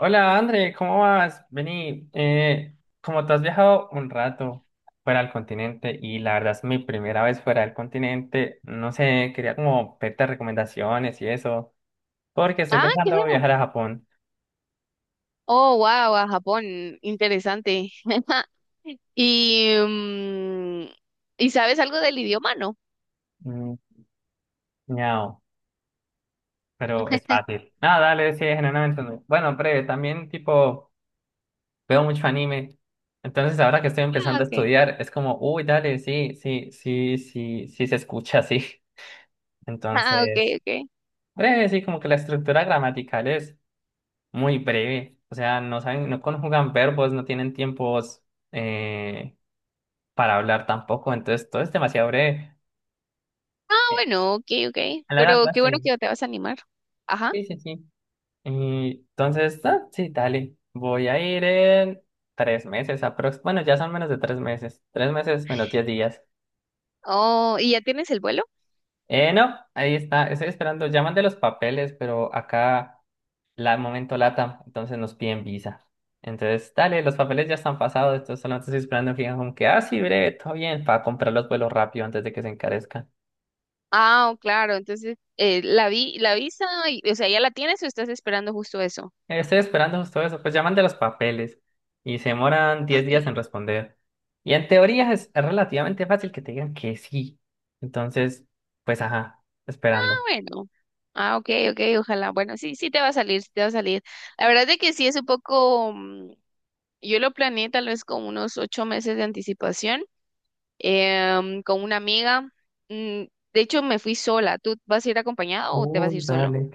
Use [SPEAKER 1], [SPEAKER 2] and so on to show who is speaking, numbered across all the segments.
[SPEAKER 1] Hola, André, ¿cómo vas? Vení, como tú has viajado un rato fuera del continente y la verdad es mi primera vez fuera del continente, no sé, quería como pedirte recomendaciones y eso, porque estoy
[SPEAKER 2] Ah, qué
[SPEAKER 1] pensando
[SPEAKER 2] bueno.
[SPEAKER 1] viajar a Japón.
[SPEAKER 2] Oh, wow, a Japón, interesante. Y, ¿y sabes algo del idioma, no?
[SPEAKER 1] Mm, miau, pero es fácil. Ah, dale, sí, generalmente no. Bueno, breve, también tipo veo mucho anime, entonces ahora que estoy
[SPEAKER 2] Ah,
[SPEAKER 1] empezando a
[SPEAKER 2] okay.
[SPEAKER 1] estudiar es como, uy, dale, sí, sí, sí, sí, sí se escucha así.
[SPEAKER 2] Ah, okay,
[SPEAKER 1] Entonces.
[SPEAKER 2] okay.
[SPEAKER 1] Breve, sí, como que la estructura gramatical es muy breve. O sea, no saben, no conjugan verbos, no tienen tiempos eh, para hablar tampoco. Entonces, todo es demasiado breve.
[SPEAKER 2] Ah,
[SPEAKER 1] Eh,
[SPEAKER 2] bueno, okay, okay.
[SPEAKER 1] A la
[SPEAKER 2] Pero
[SPEAKER 1] larga,
[SPEAKER 2] qué bueno
[SPEAKER 1] sí.
[SPEAKER 2] que te vas a animar. Ajá.
[SPEAKER 1] Sí, sí, sí. Y entonces, ah, sí, dale. Voy a ir en 3 meses aprox. Bueno, ya son menos de 3 meses. 3 meses menos 10 días.
[SPEAKER 2] Oh, ¿y ya tienes el vuelo?
[SPEAKER 1] No, ahí está, estoy esperando. Llaman de los papeles, pero acá la momento lata, entonces nos piden visa. Entonces, dale, los papeles ya están pasados, entonces solamente estoy esperando en Fincom que, ah, sí, breve, todo bien, para comprar los vuelos rápido antes de que se encarezcan.
[SPEAKER 2] Ah, oh, claro. Entonces, la visa, o sea, ¿ya la tienes o estás esperando justo eso?
[SPEAKER 1] Estoy esperando justo eso, pues llaman de los papeles y se demoran
[SPEAKER 2] Ah,
[SPEAKER 1] diez
[SPEAKER 2] ok.
[SPEAKER 1] días en responder. Y en teoría es, relativamente fácil que te digan que sí. Entonces, pues ajá,
[SPEAKER 2] Ah,
[SPEAKER 1] esperando.
[SPEAKER 2] bueno. Ah, okay, okay. Ojalá. Bueno, sí, sí te va a salir, sí te va a salir. La verdad es de que sí es un poco. Yo lo planeé tal vez con unos 8 meses de anticipación, con una amiga. Mm, De hecho, me fui sola. ¿Tú vas a ir acompañado o te
[SPEAKER 1] Uh,
[SPEAKER 2] vas a ir solo?
[SPEAKER 1] dale.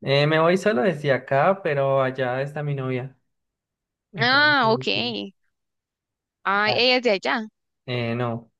[SPEAKER 1] Me voy solo desde acá, pero allá está mi novia. Entonces,
[SPEAKER 2] Ah,
[SPEAKER 1] sí,
[SPEAKER 2] ok. Ah,
[SPEAKER 1] dale.
[SPEAKER 2] ella es de allá.
[SPEAKER 1] No.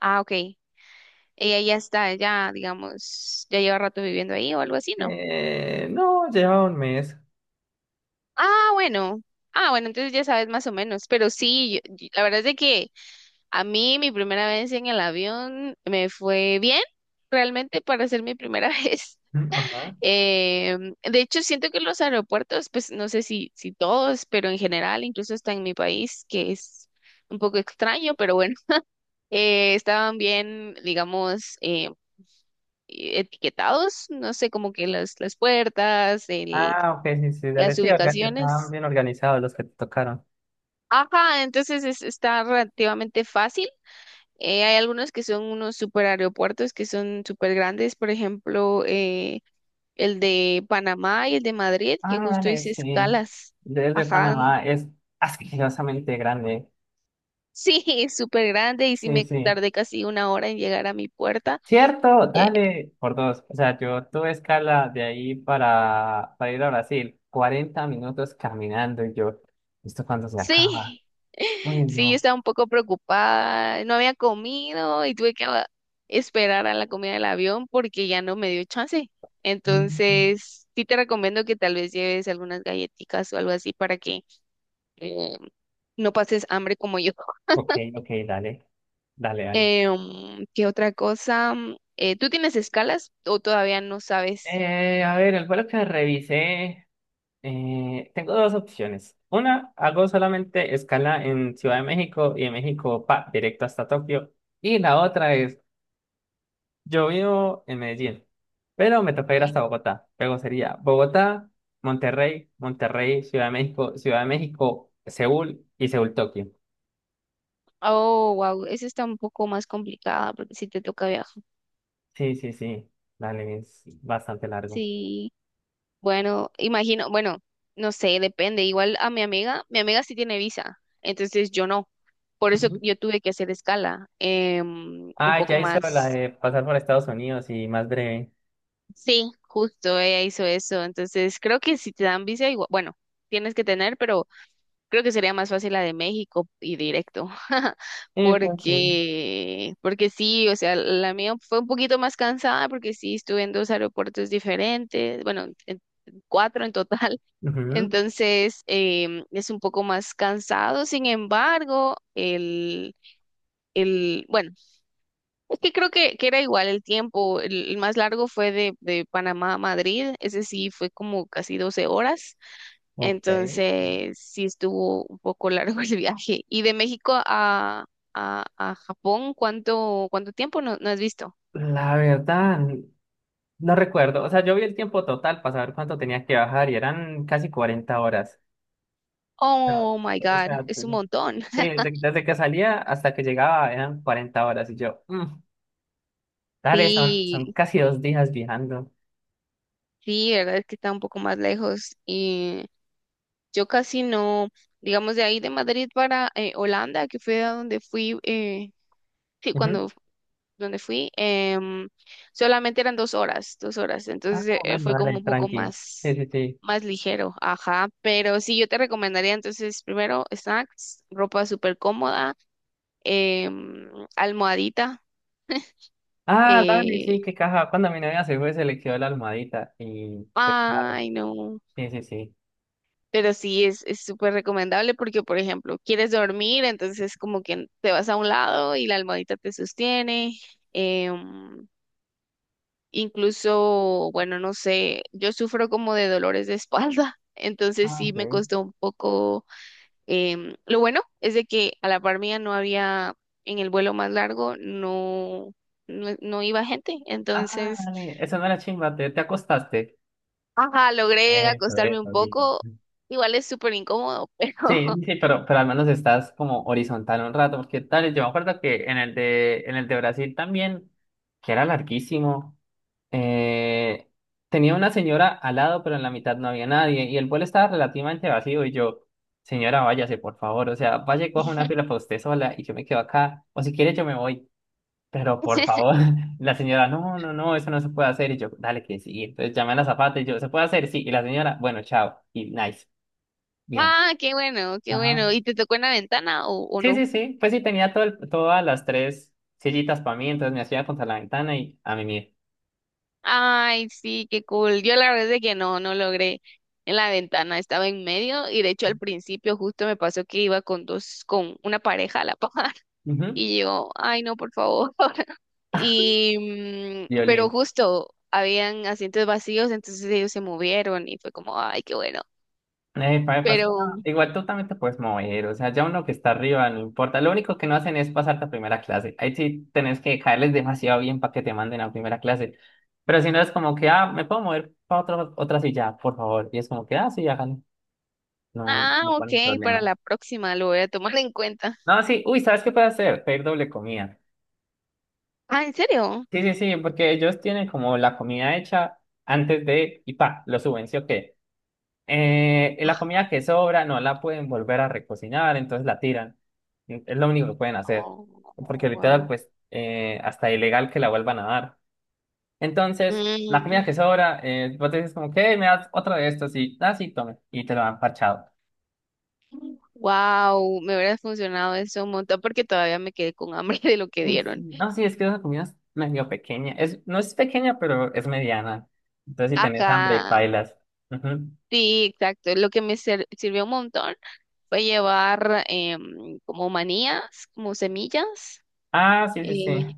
[SPEAKER 2] Ah, ok. Ella ya está allá, digamos, ya lleva rato viviendo ahí o algo así, ¿no?
[SPEAKER 1] No, lleva un mes.
[SPEAKER 2] Ah, bueno. Ah, bueno, entonces ya sabes más o menos. Pero sí, la verdad es de que a mí mi primera vez en el avión me fue bien, realmente para ser mi primera vez.
[SPEAKER 1] Mm, ajá.
[SPEAKER 2] Eh, de hecho, siento que los aeropuertos, pues no sé si todos, pero en general, incluso hasta en mi país, que es un poco extraño, pero bueno, estaban bien, digamos, etiquetados, no sé, como que las puertas,
[SPEAKER 1] Ah, ok, sí, sí, dale.
[SPEAKER 2] las
[SPEAKER 1] Sí, acá estaban
[SPEAKER 2] ubicaciones.
[SPEAKER 1] bien organizados los que te tocaron.
[SPEAKER 2] Ajá, entonces está relativamente fácil. Hay algunos que son unos super aeropuertos que son super grandes, por ejemplo, el de Panamá y el de Madrid,
[SPEAKER 1] Ah,
[SPEAKER 2] que
[SPEAKER 1] no,
[SPEAKER 2] justo
[SPEAKER 1] dale,
[SPEAKER 2] hice
[SPEAKER 1] sí.
[SPEAKER 2] escalas.
[SPEAKER 1] Desde
[SPEAKER 2] Ajá,
[SPEAKER 1] Panamá es asquerosamente grande.
[SPEAKER 2] sí, es súper grande y sí
[SPEAKER 1] Sí,
[SPEAKER 2] me
[SPEAKER 1] sí.
[SPEAKER 2] tardé casi una hora en llegar a mi puerta.
[SPEAKER 1] Cierto,
[SPEAKER 2] Eh,
[SPEAKER 1] dale, por dos. O sea, yo tuve escala de ahí para ir a Brasil. 40 minutos caminando y yo, ¿esto cuando se acaba?
[SPEAKER 2] sí,
[SPEAKER 1] Uy,
[SPEAKER 2] sí, yo
[SPEAKER 1] no.
[SPEAKER 2] estaba un poco preocupada, no había comido y tuve que esperar a la comida del avión porque ya no me dio chance.
[SPEAKER 1] Mm, mm.
[SPEAKER 2] Entonces, sí te recomiendo que tal vez lleves algunas galletitas o algo así para que eh, no pases hambre como yo.
[SPEAKER 1] Ok, ok, dale. Dale, dale.
[SPEAKER 2] ¿Qué otra cosa? ¿Tú tienes escalas o todavía no sabes?
[SPEAKER 1] A ver, el vuelo que revisé, tengo dos opciones. Una, hago solamente escala en Ciudad de México y de México pa, directo hasta Tokio. Y la otra es, yo vivo en Medellín, pero me toca ir
[SPEAKER 2] Ya.
[SPEAKER 1] hasta Bogotá. Luego sería Bogotá, Monterrey, Monterrey, Ciudad de México, Seúl y Seúl, Tokio.
[SPEAKER 2] Oh, wow, esa está un poco más complicada porque si te toca viajar.
[SPEAKER 1] Sí, sí, sí, dale, es bastante largo.
[SPEAKER 2] Sí, bueno, imagino, bueno, no sé, depende. Igual a mi amiga sí tiene visa, entonces yo no. Por eso
[SPEAKER 1] Ujú.
[SPEAKER 2] yo tuve que hacer escala, un
[SPEAKER 1] Ah,
[SPEAKER 2] poco
[SPEAKER 1] ya hizo la
[SPEAKER 2] más.
[SPEAKER 1] de pasar por Estados Unidos y más breve.
[SPEAKER 2] Sí, justo, ella hizo eso. Entonces creo que si te dan visa, igual, bueno, tienes que tener, pero creo que sería más fácil la de México y directo,
[SPEAKER 1] Pues sí.
[SPEAKER 2] porque, sí, o sea, la mía fue un poquito más cansada porque sí estuve en dos aeropuertos diferentes, bueno, en cuatro en total,
[SPEAKER 1] Ujú.
[SPEAKER 2] entonces es un poco más cansado, sin embargo, bueno, es que creo que era igual el tiempo. El más largo fue de Panamá a Madrid. Ese sí fue como casi 12 horas.
[SPEAKER 1] Ok.
[SPEAKER 2] Entonces sí estuvo un poco largo el viaje. Y de México a Japón, ¿cuánto tiempo no has visto?
[SPEAKER 1] La verdad, no recuerdo. O sea, yo vi el tiempo total para saber cuánto tenía que bajar y eran casi 40 horas. No,
[SPEAKER 2] Oh my
[SPEAKER 1] o
[SPEAKER 2] God,
[SPEAKER 1] sea,
[SPEAKER 2] es un montón.
[SPEAKER 1] sí, desde que salía hasta que llegaba eran 40 horas y yo, "Mm, dale, son,
[SPEAKER 2] Sí,
[SPEAKER 1] casi 2 días viajando."
[SPEAKER 2] sí, verdad es que está un poco más lejos. Y yo casi no, digamos, de ahí de Madrid para Holanda, que fue a donde fui, sí,
[SPEAKER 1] Ujú.
[SPEAKER 2] cuando donde fui, solamente eran 2 horas, 2 horas,
[SPEAKER 1] Ah,
[SPEAKER 2] entonces
[SPEAKER 1] bueno,
[SPEAKER 2] fue como
[SPEAKER 1] dale,
[SPEAKER 2] un poco
[SPEAKER 1] tranqui. Sí,
[SPEAKER 2] más,
[SPEAKER 1] sí, sí.
[SPEAKER 2] más ligero, ajá, pero sí, yo te recomendaría entonces primero snacks, ropa súper cómoda, em, almohadita,
[SPEAKER 1] Ah, dale, sí,
[SPEAKER 2] eh,
[SPEAKER 1] qué caja. Cuando mi novia se fue, se le quedó la almohadita y fue claro.
[SPEAKER 2] ay no,
[SPEAKER 1] Sí, sí, sí.
[SPEAKER 2] pero sí es súper recomendable porque, por ejemplo, quieres dormir, entonces como que te vas a un lado y la almohadita te sostiene. em, Incluso, bueno, no sé, yo sufro como de dolores de espalda, entonces
[SPEAKER 1] Ah,
[SPEAKER 2] sí me
[SPEAKER 1] ok.
[SPEAKER 2] costó un poco. Lo bueno es de que a la par mía no había, en el vuelo más largo, no iba gente,
[SPEAKER 1] Ah,
[SPEAKER 2] entonces,
[SPEAKER 1] dale, eso no era chimba, te acostaste.
[SPEAKER 2] ajá, logré
[SPEAKER 1] Eso,
[SPEAKER 2] acostarme un
[SPEAKER 1] eso, bien.
[SPEAKER 2] poco. Igual es súper incómodo, pero.
[SPEAKER 1] Sí, sí, pero al menos estás como horizontal un rato, porque tal, yo me acuerdo que en el de Brasil también, que era larguísimo, eh, tenía una señora al lado, pero en la mitad no había nadie, y el vuelo estaba relativamente vacío, y yo, señora, váyase, por favor, o sea, vaya y coja una fila para usted sola, y yo me quedo acá, o si quiere yo me voy, pero por favor, la señora, no, no, no, eso no se puede hacer, y yo, dale que sí, entonces llamé a la zapata, y yo, ¿se puede hacer? Sí, y la señora, bueno, chao, y nice. Bien.
[SPEAKER 2] Ah, qué bueno, qué
[SPEAKER 1] Ajá.
[SPEAKER 2] bueno. ¿Y te tocó en la ventana o
[SPEAKER 1] Sí,
[SPEAKER 2] no?
[SPEAKER 1] sí, sí. Pues sí, tenía todas las tres sillitas para mí, entonces me hacía contra la ventana y a mí mismo.
[SPEAKER 2] Ay, sí, qué cool. Yo la verdad es que no logré en la ventana, estaba en medio y de hecho al principio justo me pasó que iba con dos, con una pareja a la par
[SPEAKER 1] Ujú.
[SPEAKER 2] y yo, ay, no, por favor. Y, pero
[SPEAKER 1] Violín.
[SPEAKER 2] justo habían asientos vacíos, entonces ellos se movieron y fue como, ay, qué bueno.
[SPEAKER 1] Sí, no,
[SPEAKER 2] Pero,
[SPEAKER 1] igual tú también te puedes mover, o sea, ya uno que está arriba, no importa. Lo único que no hacen es pasarte a primera clase. Ahí sí tenés que caerles demasiado bien para que te manden a primera clase. Pero si no es como que, ah, me puedo mover para otra silla, por favor. Y es como que, ah, sí, háganlo. No,
[SPEAKER 2] ah,
[SPEAKER 1] no ponen
[SPEAKER 2] ok, para
[SPEAKER 1] problema.
[SPEAKER 2] la próxima lo voy a tomar en cuenta.
[SPEAKER 1] No, sí, uy, ¿sabes qué puedes hacer? Pedir doble comida.
[SPEAKER 2] Ah, ¿en serio?
[SPEAKER 1] Sí, sí, sí, porque ellos tienen como la comida hecha antes de, y pa, lo suben, ¿sí o qué? La comida que sobra no la pueden volver a recocinar, entonces la tiran. Es lo único que pueden hacer,
[SPEAKER 2] Oh,
[SPEAKER 1] porque literal,
[SPEAKER 2] wow.
[SPEAKER 1] pues, hasta ilegal que la vuelvan a dar. Entonces, la comida que sobra, vos dices como, ¿qué? ¿Me das otra de estos? Y, ah, sí, tome, y te lo han parchado.
[SPEAKER 2] Wow, me hubiera funcionado eso un montón porque todavía me quedé con hambre de lo que
[SPEAKER 1] Uy,
[SPEAKER 2] dieron.
[SPEAKER 1] sí. No, sí, es que esa comida es medio pequeña, es, no es pequeña, pero es mediana. Entonces, si tenés hambre,
[SPEAKER 2] Ajá,
[SPEAKER 1] bailas.
[SPEAKER 2] sí, exacto. Lo que me sirvió un montón fue llevar como manías, como semillas.
[SPEAKER 1] Ah, sí, sí, sí.
[SPEAKER 2] eh,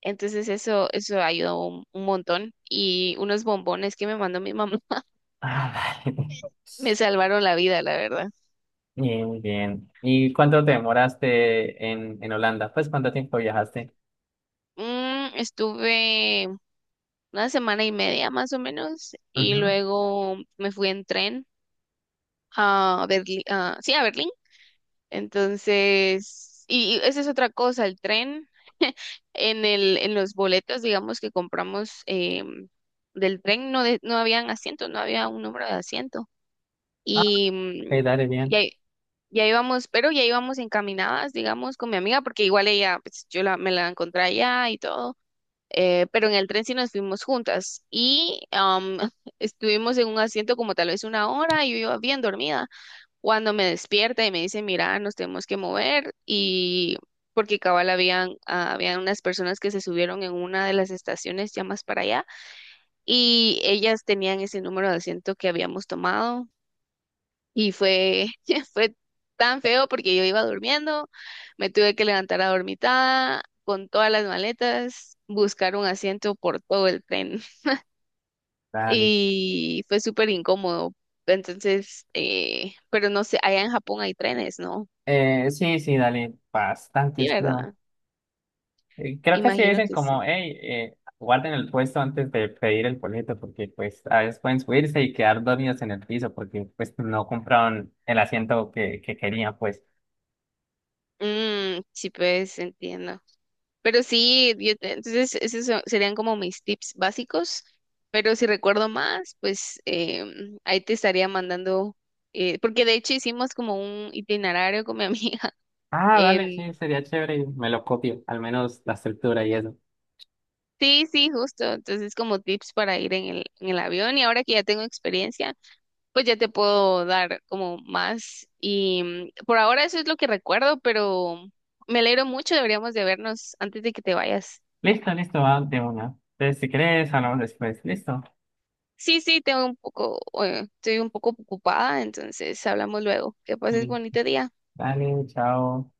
[SPEAKER 2] entonces eso ayudó un montón. Y unos bombones que me mandó mi mamá
[SPEAKER 1] Ah, vale.
[SPEAKER 2] me salvaron la vida, la verdad.
[SPEAKER 1] Bien, muy bien. ¿Y cuánto te demoraste en Holanda? Pues, ¿cuánto tiempo viajaste?
[SPEAKER 2] Estuve una semana y media más o menos y
[SPEAKER 1] Ujú.
[SPEAKER 2] luego me fui en tren a Berlín, sí, a Berlín. Entonces, y esa es otra cosa, el tren, en los boletos, digamos, que compramos del tren, no, no habían asientos, no había un número de asiento.
[SPEAKER 1] Ah,
[SPEAKER 2] Y
[SPEAKER 1] ok, dale,
[SPEAKER 2] ya,
[SPEAKER 1] bien.
[SPEAKER 2] ya íbamos, pero ya íbamos encaminadas, digamos, con mi amiga, porque igual ella, pues yo la, me la encontré allá y todo. Pero en el tren sí nos fuimos juntas y estuvimos en un asiento como tal vez una hora y yo iba bien dormida cuando me despierta y me dice, mira, nos tenemos que mover y porque cabal habían unas personas que se subieron en una de las estaciones ya más para allá y ellas tenían ese número de asiento que habíamos tomado y fue, fue tan feo porque yo iba durmiendo, me tuve que levantar a dormitada con todas las maletas, buscar un asiento por todo el tren
[SPEAKER 1] Dale.
[SPEAKER 2] y fue súper incómodo. Entonces, pero no sé, allá en Japón hay trenes, ¿no?
[SPEAKER 1] Sí, sí, dale.
[SPEAKER 2] Sí,
[SPEAKER 1] Bastantes,
[SPEAKER 2] ¿verdad?
[SPEAKER 1] creo. Creo que sí
[SPEAKER 2] Imagino
[SPEAKER 1] dicen
[SPEAKER 2] que sí.
[SPEAKER 1] como, hey, guarden el puesto antes de pedir el boleto, porque pues a veces pueden subirse y quedar dormidos en el piso, porque pues no compraron el asiento que querían, pues.
[SPEAKER 2] Mm, sí, pues entiendo. Pero sí, entonces serían como mis tips básicos, pero si recuerdo más, pues ahí te estaría mandando, porque de hecho hicimos como un itinerario con mi amiga.
[SPEAKER 1] Ah, dale,
[SPEAKER 2] em,
[SPEAKER 1] sí, sería chévere. Me lo copio, al menos la estructura y eso.
[SPEAKER 2] sí, sí, justo. Entonces como tips para ir en el avión y ahora que ya tengo experiencia, pues ya te puedo dar como más. Y por ahora eso es lo que recuerdo, pero me alegro mucho, deberíamos de vernos antes de que te vayas.
[SPEAKER 1] Listo, listo, va de una. Entonces, si querés, hablamos después. Listo.
[SPEAKER 2] Sí, sí, tengo un poco, estoy un poco ocupada, entonces hablamos luego. Que pases
[SPEAKER 1] Li-
[SPEAKER 2] bonito día.
[SPEAKER 1] Dale, chao.